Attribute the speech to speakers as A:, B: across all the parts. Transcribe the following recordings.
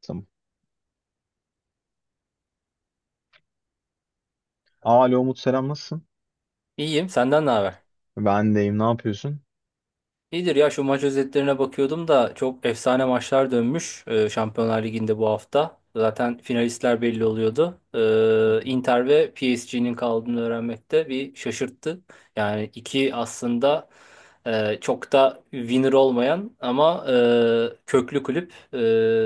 A: Tamam. Alo Umut, selam, nasılsın?
B: İyiyim. Senden ne haber?
A: Ben deyim, ne yapıyorsun?
B: İyidir ya, şu maç özetlerine bakıyordum da çok efsane maçlar dönmüş Şampiyonlar Ligi'nde bu hafta. Zaten finalistler belli oluyordu. Inter ve PSG'nin kaldığını öğrenmek de bir şaşırttı. Yani iki aslında çok da winner olmayan ama köklü kulüp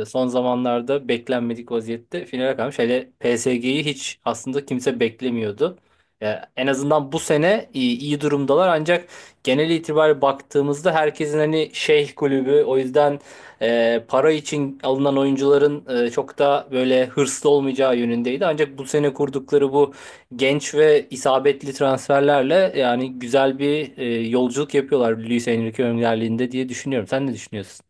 B: son zamanlarda beklenmedik vaziyette finale kalmış. Hele PSG'yi hiç aslında kimse beklemiyordu. Ya en azından bu sene iyi durumdalar, ancak genel itibariyle baktığımızda herkesin hani şeyh kulübü, o yüzden para için alınan oyuncuların çok da böyle hırslı olmayacağı yönündeydi. Ancak bu sene kurdukları bu genç ve isabetli transferlerle yani güzel bir yolculuk yapıyorlar Luis Enrique önderliğinde diye düşünüyorum. Sen ne düşünüyorsun?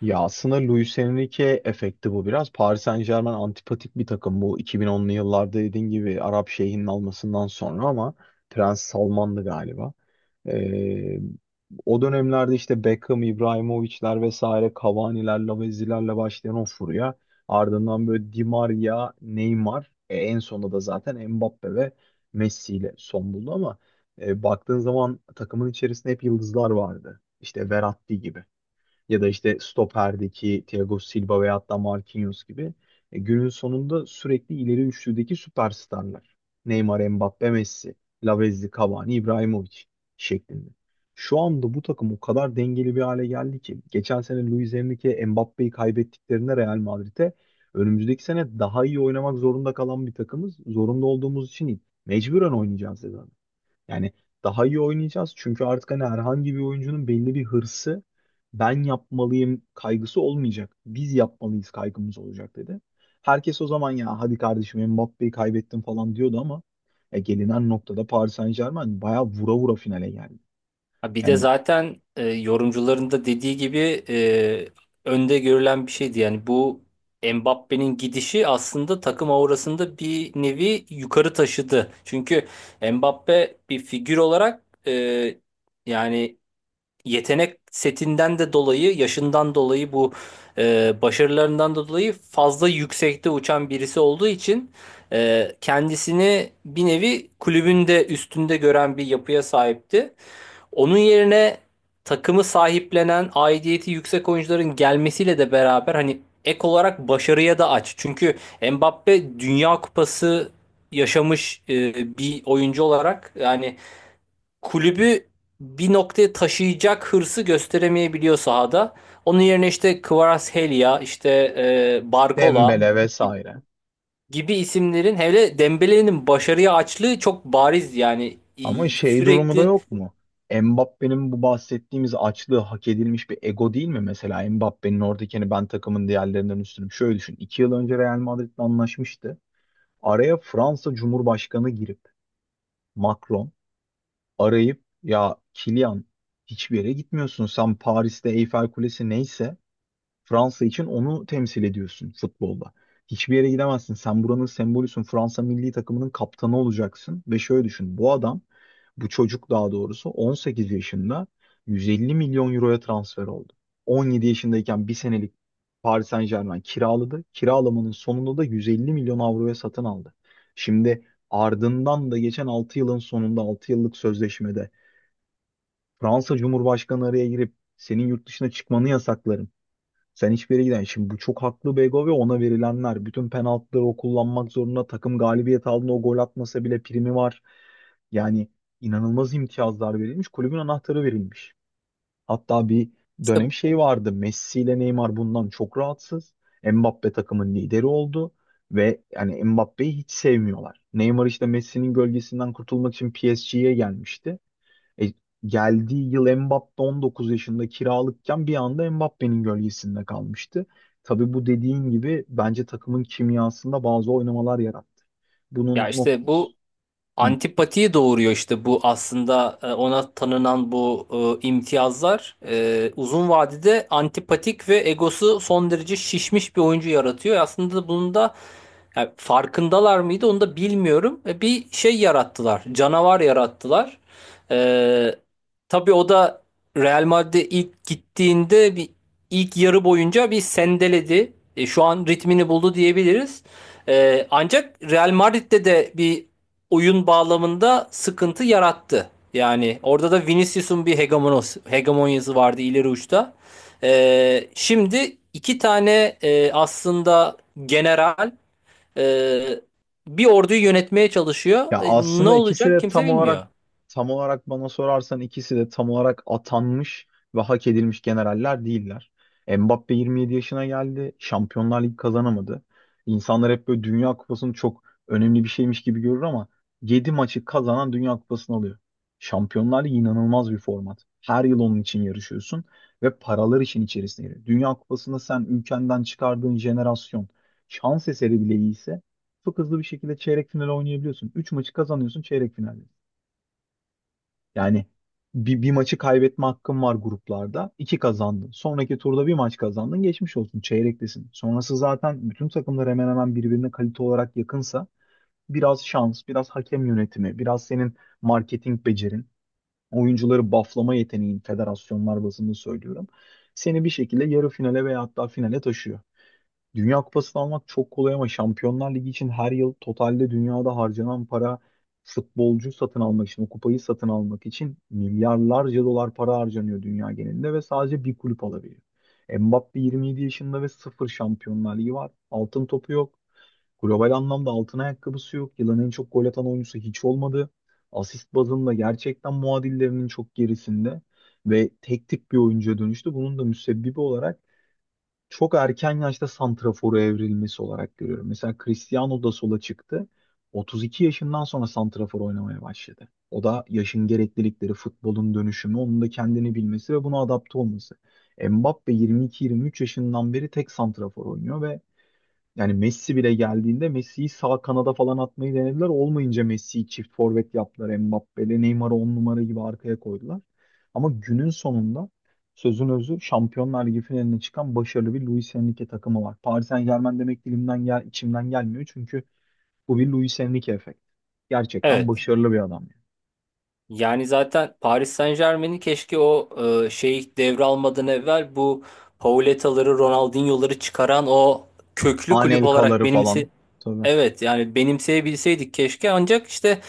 A: Ya aslında Luis Enrique efekti bu biraz. Paris Saint-Germain antipatik bir takım, bu 2010'lu yıllarda dediğin gibi Arap Şeyh'inin almasından sonra, ama Prens Salman'dı galiba. Ee, o dönemlerde işte Beckham, İbrahimovic'ler vesaire, Cavani'ler, Lavezzi'lerle başlayan o furya. Ardından böyle Di Maria, Neymar, en sonunda da zaten Mbappe ve Messi ile son buldu, ama baktığın zaman takımın içerisinde hep yıldızlar vardı. İşte Verratti gibi, ya da işte stoperdeki Thiago Silva veya hatta Marquinhos gibi, günün sonunda sürekli ileri üçlüdeki süperstarlar. Neymar, Mbappe, Messi, Lavezzi, Cavani, Ibrahimovic şeklinde. Şu anda bu takım o kadar dengeli bir hale geldi ki geçen sene Luis Enrique, Mbappe'yi kaybettiklerinde Real Madrid'e, önümüzdeki sene daha iyi oynamak zorunda kalan bir takımız. Zorunda olduğumuz için değil, mecburen oynayacağız dedi adam. Yani daha iyi oynayacağız, çünkü artık hani herhangi bir oyuncunun belli bir hırsı, ben yapmalıyım kaygısı olmayacak. Biz yapmalıyız kaygımız olacak dedi. Herkes o zaman ya hadi kardeşim Mbappe'yi kaybettim falan diyordu, ama gelinen noktada Paris Saint-Germain bayağı vura vura finale geldi.
B: Ha, bir de
A: Yani
B: zaten yorumcuların da dediği gibi önde görülen bir şeydi. Yani bu Mbappe'nin gidişi aslında takım aurasında bir nevi yukarı taşıdı. Çünkü Mbappe bir figür olarak yani yetenek setinden de dolayı, yaşından dolayı bu başarılarından da dolayı fazla yüksekte uçan birisi olduğu için kendisini bir nevi kulübün de üstünde gören bir yapıya sahipti. Onun yerine takımı sahiplenen, aidiyeti yüksek oyuncuların gelmesiyle de beraber hani ek olarak başarıya da aç. Çünkü Mbappe Dünya Kupası yaşamış bir oyuncu olarak yani kulübü bir noktaya taşıyacak hırsı gösteremeyebiliyor sahada. Onun yerine işte Kvaratskhelia, işte Barcola
A: Dembele vesaire.
B: gibi isimlerin, hele Dembele'nin başarıya açlığı çok bariz. Yani
A: Ama şey durumu da
B: sürekli
A: yok mu? Mbappe'nin bu bahsettiğimiz açlığı hak edilmiş bir ego değil mi? Mesela Mbappe'nin oradaki hani ben takımın diğerlerinden üstünüm. Şöyle düşün. 2 yıl önce Real Madrid'le anlaşmıştı. Araya Fransa Cumhurbaşkanı girip, Macron arayıp, ya Kilian, hiçbir yere gitmiyorsun. Sen Paris'te Eyfel Kulesi neyse, Fransa için onu temsil ediyorsun futbolda. Hiçbir yere gidemezsin. Sen buranın sembolüsün. Fransa milli takımının kaptanı olacaksın. Ve şöyle düşün. Bu adam, bu çocuk daha doğrusu, 18 yaşında 150 milyon euroya transfer oldu. 17 yaşındayken bir senelik Paris Saint-Germain kiraladı. Kiralamanın sonunda da 150 milyon avroya satın aldı. Şimdi ardından da geçen 6 yılın sonunda, 6 yıllık sözleşmede, Fransa Cumhurbaşkanı araya girip, senin yurt dışına çıkmanı yasaklarım, sen hiçbir yere giden. Şimdi bu çok haklı Bego ve ona verilenler. Bütün penaltıları o kullanmak zorunda. Takım galibiyet aldığında o gol atmasa bile primi var. Yani inanılmaz imtiyazlar verilmiş. Kulübün anahtarı verilmiş. Hatta bir
B: işte
A: dönem şey vardı. Messi ile Neymar bundan çok rahatsız. Mbappe takımın lideri oldu. Ve yani Mbappe'yi hiç sevmiyorlar. Neymar işte Messi'nin gölgesinden kurtulmak için PSG'ye gelmişti. E, geldiği yıl Mbappe 19 yaşında kiralıkken, bir anda Mbappe'nin gölgesinde kalmıştı. Tabii bu dediğin gibi, bence takımın kimyasında bazı oynamalar yarattı. Bunun
B: ya, işte
A: nok-
B: bu
A: Hı.
B: antipatiyi doğuruyor işte. Bu aslında ona tanınan bu imtiyazlar, uzun vadede antipatik ve egosu son derece şişmiş bir oyuncu yaratıyor. Aslında bunun da yani farkındalar mıydı, onu da bilmiyorum. Bir şey yarattılar. Canavar yarattılar. E, tabii o da Real Madrid'e ilk gittiğinde bir ilk yarı boyunca bir sendeledi. Şu an ritmini buldu diyebiliriz. Ancak Real Madrid'de de bir oyun bağlamında sıkıntı yarattı. Yani orada da hegemonyası vardı ileri uçta. Şimdi iki tane aslında general ee, bir orduyu yönetmeye çalışıyor.
A: Ya
B: Ne
A: aslında ikisi
B: olacak,
A: de
B: kimse bilmiyor.
A: tam olarak, bana sorarsan ikisi de tam olarak atanmış ve hak edilmiş generaller değiller. Mbappe 27 yaşına geldi. Şampiyonlar Ligi kazanamadı. İnsanlar hep böyle Dünya Kupası'nı çok önemli bir şeymiş gibi görür, ama 7 maçı kazanan Dünya Kupası'nı alıyor. Şampiyonlar Ligi inanılmaz bir format. Her yıl onun için yarışıyorsun ve paralar için içerisine giriyor. Dünya Kupası'nda sen ülkenden çıkardığın jenerasyon şans eseri bile iyiyse, çok hızlı bir şekilde çeyrek final oynayabiliyorsun. 3 maçı kazanıyorsun çeyrek finalde. Yani bir maçı kaybetme hakkın var gruplarda. 2 kazandın. Sonraki turda bir maç kazandın. Geçmiş olsun. Çeyrektesin. Sonrası zaten, bütün takımlar hemen hemen birbirine kalite olarak yakınsa, biraz şans, biraz hakem yönetimi, biraz senin marketing becerin, oyuncuları bufflama yeteneğin, federasyonlar bazında söylüyorum, seni bir şekilde yarı finale veya hatta finale taşıyor. Dünya Kupası'nı almak çok kolay, ama Şampiyonlar Ligi için her yıl totalde dünyada harcanan para, futbolcu satın almak için, o kupayı satın almak için milyarlarca dolar para harcanıyor dünya genelinde ve sadece bir kulüp alabiliyor. Mbappe 27 yaşında ve sıfır Şampiyonlar Ligi var. Altın topu yok. Global anlamda altın ayakkabısı yok. Yılın en çok gol atan oyuncusu hiç olmadı. Asist bazında gerçekten muadillerinin çok gerisinde ve tek tip bir oyuncuya dönüştü. Bunun da müsebbibi olarak çok erken yaşta santrafora evrilmesi olarak görüyorum. Mesela Cristiano da sola çıktı. 32 yaşından sonra santrafor oynamaya başladı. O da yaşın gereklilikleri, futbolun dönüşümü, onun da kendini bilmesi ve buna adapte olması. Mbappe 22-23 yaşından beri tek santrafor oynuyor ve yani Messi bile geldiğinde, Messi'yi sağ kanada falan atmayı denediler. Olmayınca Messi'yi çift forvet yaptılar. Mbappe'yle Neymar'ı 10 numara gibi arkaya koydular. Ama günün sonunda, sözün özü, Şampiyonlar Ligi finaline çıkan başarılı bir Luis Enrique takımı var. Paris Saint-Germain demek dilimden içimden gelmiyor, çünkü bu bir Luis Enrique efekt. Gerçekten
B: Evet.
A: başarılı bir adam, yani.
B: Yani zaten Paris Saint-Germain'in, keşke o devralmadan evvel bu Pauleta'ları, Ronaldinho'ları çıkaran o köklü kulüp olarak
A: Anelka'ları
B: benimsi...
A: falan. Tabii.
B: Evet, yani benimseyebilseydik keşke, ancak işte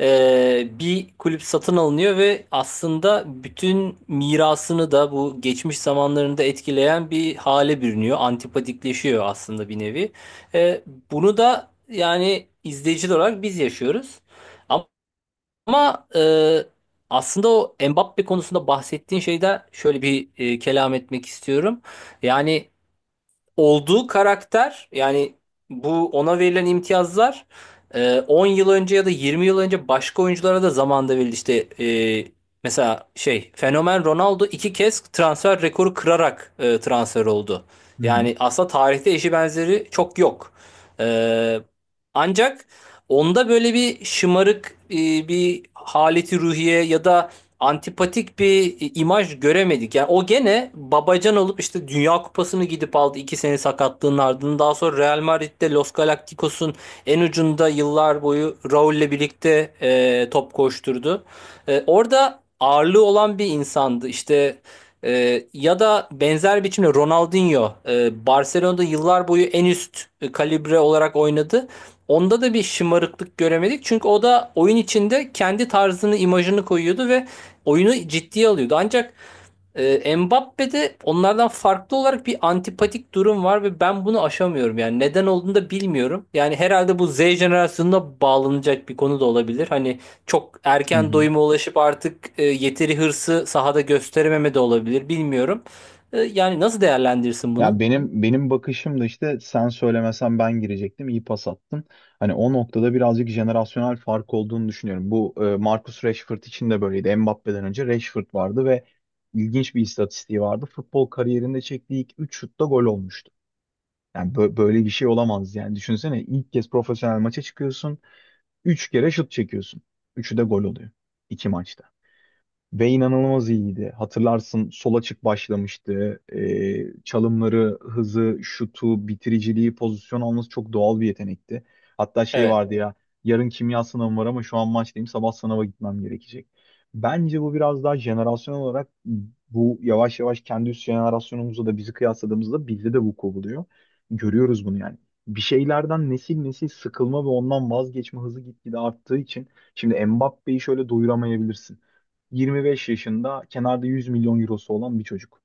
B: bir kulüp satın alınıyor ve aslında bütün mirasını da bu geçmiş zamanlarında etkileyen bir hale bürünüyor. Antipatikleşiyor aslında bir nevi. Eee, Bunu da yani izleyiciler olarak biz yaşıyoruz. Ama aslında o Mbappe konusunda bahsettiğin şeyde şöyle bir kelam etmek istiyorum. Yani olduğu karakter yani bu ona verilen imtiyazlar 10 yıl önce ya da 20 yıl önce başka oyunculara da zamanında verildi. İşte mesela şey Fenomen Ronaldo iki kez transfer rekoru kırarak transfer oldu.
A: Hı hı.
B: Yani aslında tarihte eşi benzeri çok yok. E, Ancak onda böyle bir şımarık bir haleti ruhiye ya da antipatik bir imaj göremedik. Yani o gene babacan olup işte Dünya Kupası'nı gidip aldı iki sene sakatlığın ardından. Daha sonra Real Madrid'de Los Galacticos'un en ucunda yıllar boyu Raul'le birlikte top koşturdu. Orada ağırlığı olan bir insandı. İşte ya da benzer biçimde Ronaldinho Barcelona'da yıllar boyu en üst kalibre olarak oynadı. Onda da bir şımarıklık göremedik. Çünkü o da oyun içinde kendi tarzını, imajını koyuyordu ve oyunu ciddiye alıyordu. Ancak Mbappe'de onlardan farklı olarak bir antipatik durum var ve ben bunu aşamıyorum. Yani neden olduğunu da bilmiyorum. Yani herhalde bu Z jenerasyonuna bağlanacak bir konu da olabilir. Hani çok
A: Hı
B: erken
A: hı.
B: doyuma ulaşıp artık yeteri hırsı sahada gösterememe de olabilir. Bilmiyorum. Yani nasıl değerlendirirsin
A: Ya
B: bunu?
A: benim bakışım da, işte sen söylemesen ben girecektim, iyi pas attın. Hani o noktada birazcık jenerasyonel fark olduğunu düşünüyorum. Bu Marcus Rashford için de böyleydi. Mbappe'den önce Rashford vardı ve ilginç bir istatistiği vardı. Futbol kariyerinde çektiği ilk 3 şutta gol olmuştu. Yani böyle bir şey olamaz yani. Düşünsene ilk kez profesyonel maça çıkıyorsun, 3 kere şut çekiyorsun. Üçü de gol oluyor. İki maçta. Ve inanılmaz iyiydi. Hatırlarsın, sol açık başlamıştı. Çalımları, hızı, şutu, bitiriciliği, pozisyon alması çok doğal bir yetenekti. Hatta şey
B: Evet,
A: vardı ya, yarın kimya sınavım var ama şu an maçtayım, sabah sınava gitmem gerekecek. Bence bu biraz daha jenerasyon olarak, bu yavaş yavaş kendi üst jenerasyonumuzla da bizi kıyasladığımızda bizde de vuku buluyor. Görüyoruz bunu yani. Bir şeylerden nesil nesil sıkılma ve ondan vazgeçme hızı gitgide arttığı için, şimdi Mbappé'yi şöyle doyuramayabilirsin. 25 yaşında kenarda 100 milyon eurosu olan bir çocuk.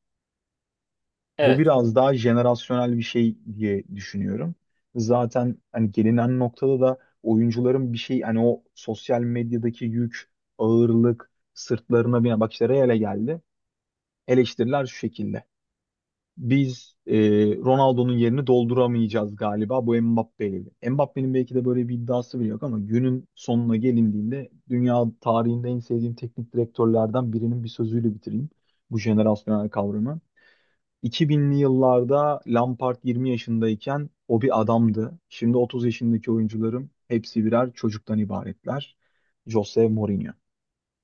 A: Bu
B: evet,
A: biraz daha jenerasyonel bir şey diye düşünüyorum. Zaten hani gelinen noktada da oyuncuların bir şey, hani o sosyal medyadaki yük, ağırlık, sırtlarına binen, bak işte Real'e geldi. Eleştiriler şu şekilde, biz Ronaldo'nun yerini dolduramayacağız galiba bu Mbappe'yle. Mbappe'nin belki de böyle bir iddiası bile yok, ama günün sonuna gelindiğinde, dünya tarihinde en sevdiğim teknik direktörlerden birinin bir sözüyle bitireyim bu jenerasyonel kavramı. 2000'li yıllarda Lampard 20 yaşındayken o bir adamdı. Şimdi 30 yaşındaki oyuncuların hepsi birer çocuktan ibaretler. Jose Mourinho.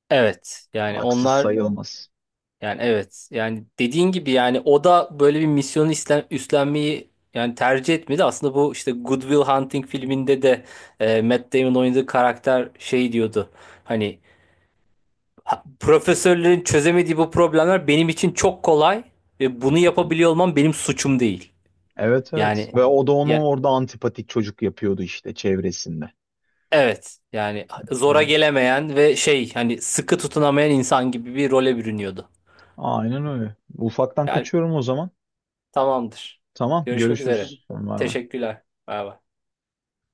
B: evet. Yani
A: Haksız
B: onlar...
A: sayılmaz.
B: Yani evet. Yani dediğin gibi yani o da böyle bir misyonu üstlenmeyi yani tercih etmedi. Aslında bu işte Good Will Hunting filminde de Matt Damon oynadığı karakter şey diyordu. Hani " profesörlerin çözemediği bu problemler benim için çok kolay ve bunu yapabiliyor olmam benim suçum değil.
A: Evet, evet.
B: Yani
A: Ve o da onu
B: ya
A: orada antipatik çocuk yapıyordu işte çevresinde.
B: evet. Yani zora gelemeyen ve şey hani sıkı tutunamayan insan gibi bir role bürünüyordu.
A: Aynen öyle. Ufaktan
B: Yani
A: kaçıyorum o zaman.
B: tamamdır.
A: Tamam,
B: Görüşmek üzere.
A: görüşürüz. Bay bay.
B: Teşekkürler. Bay bay.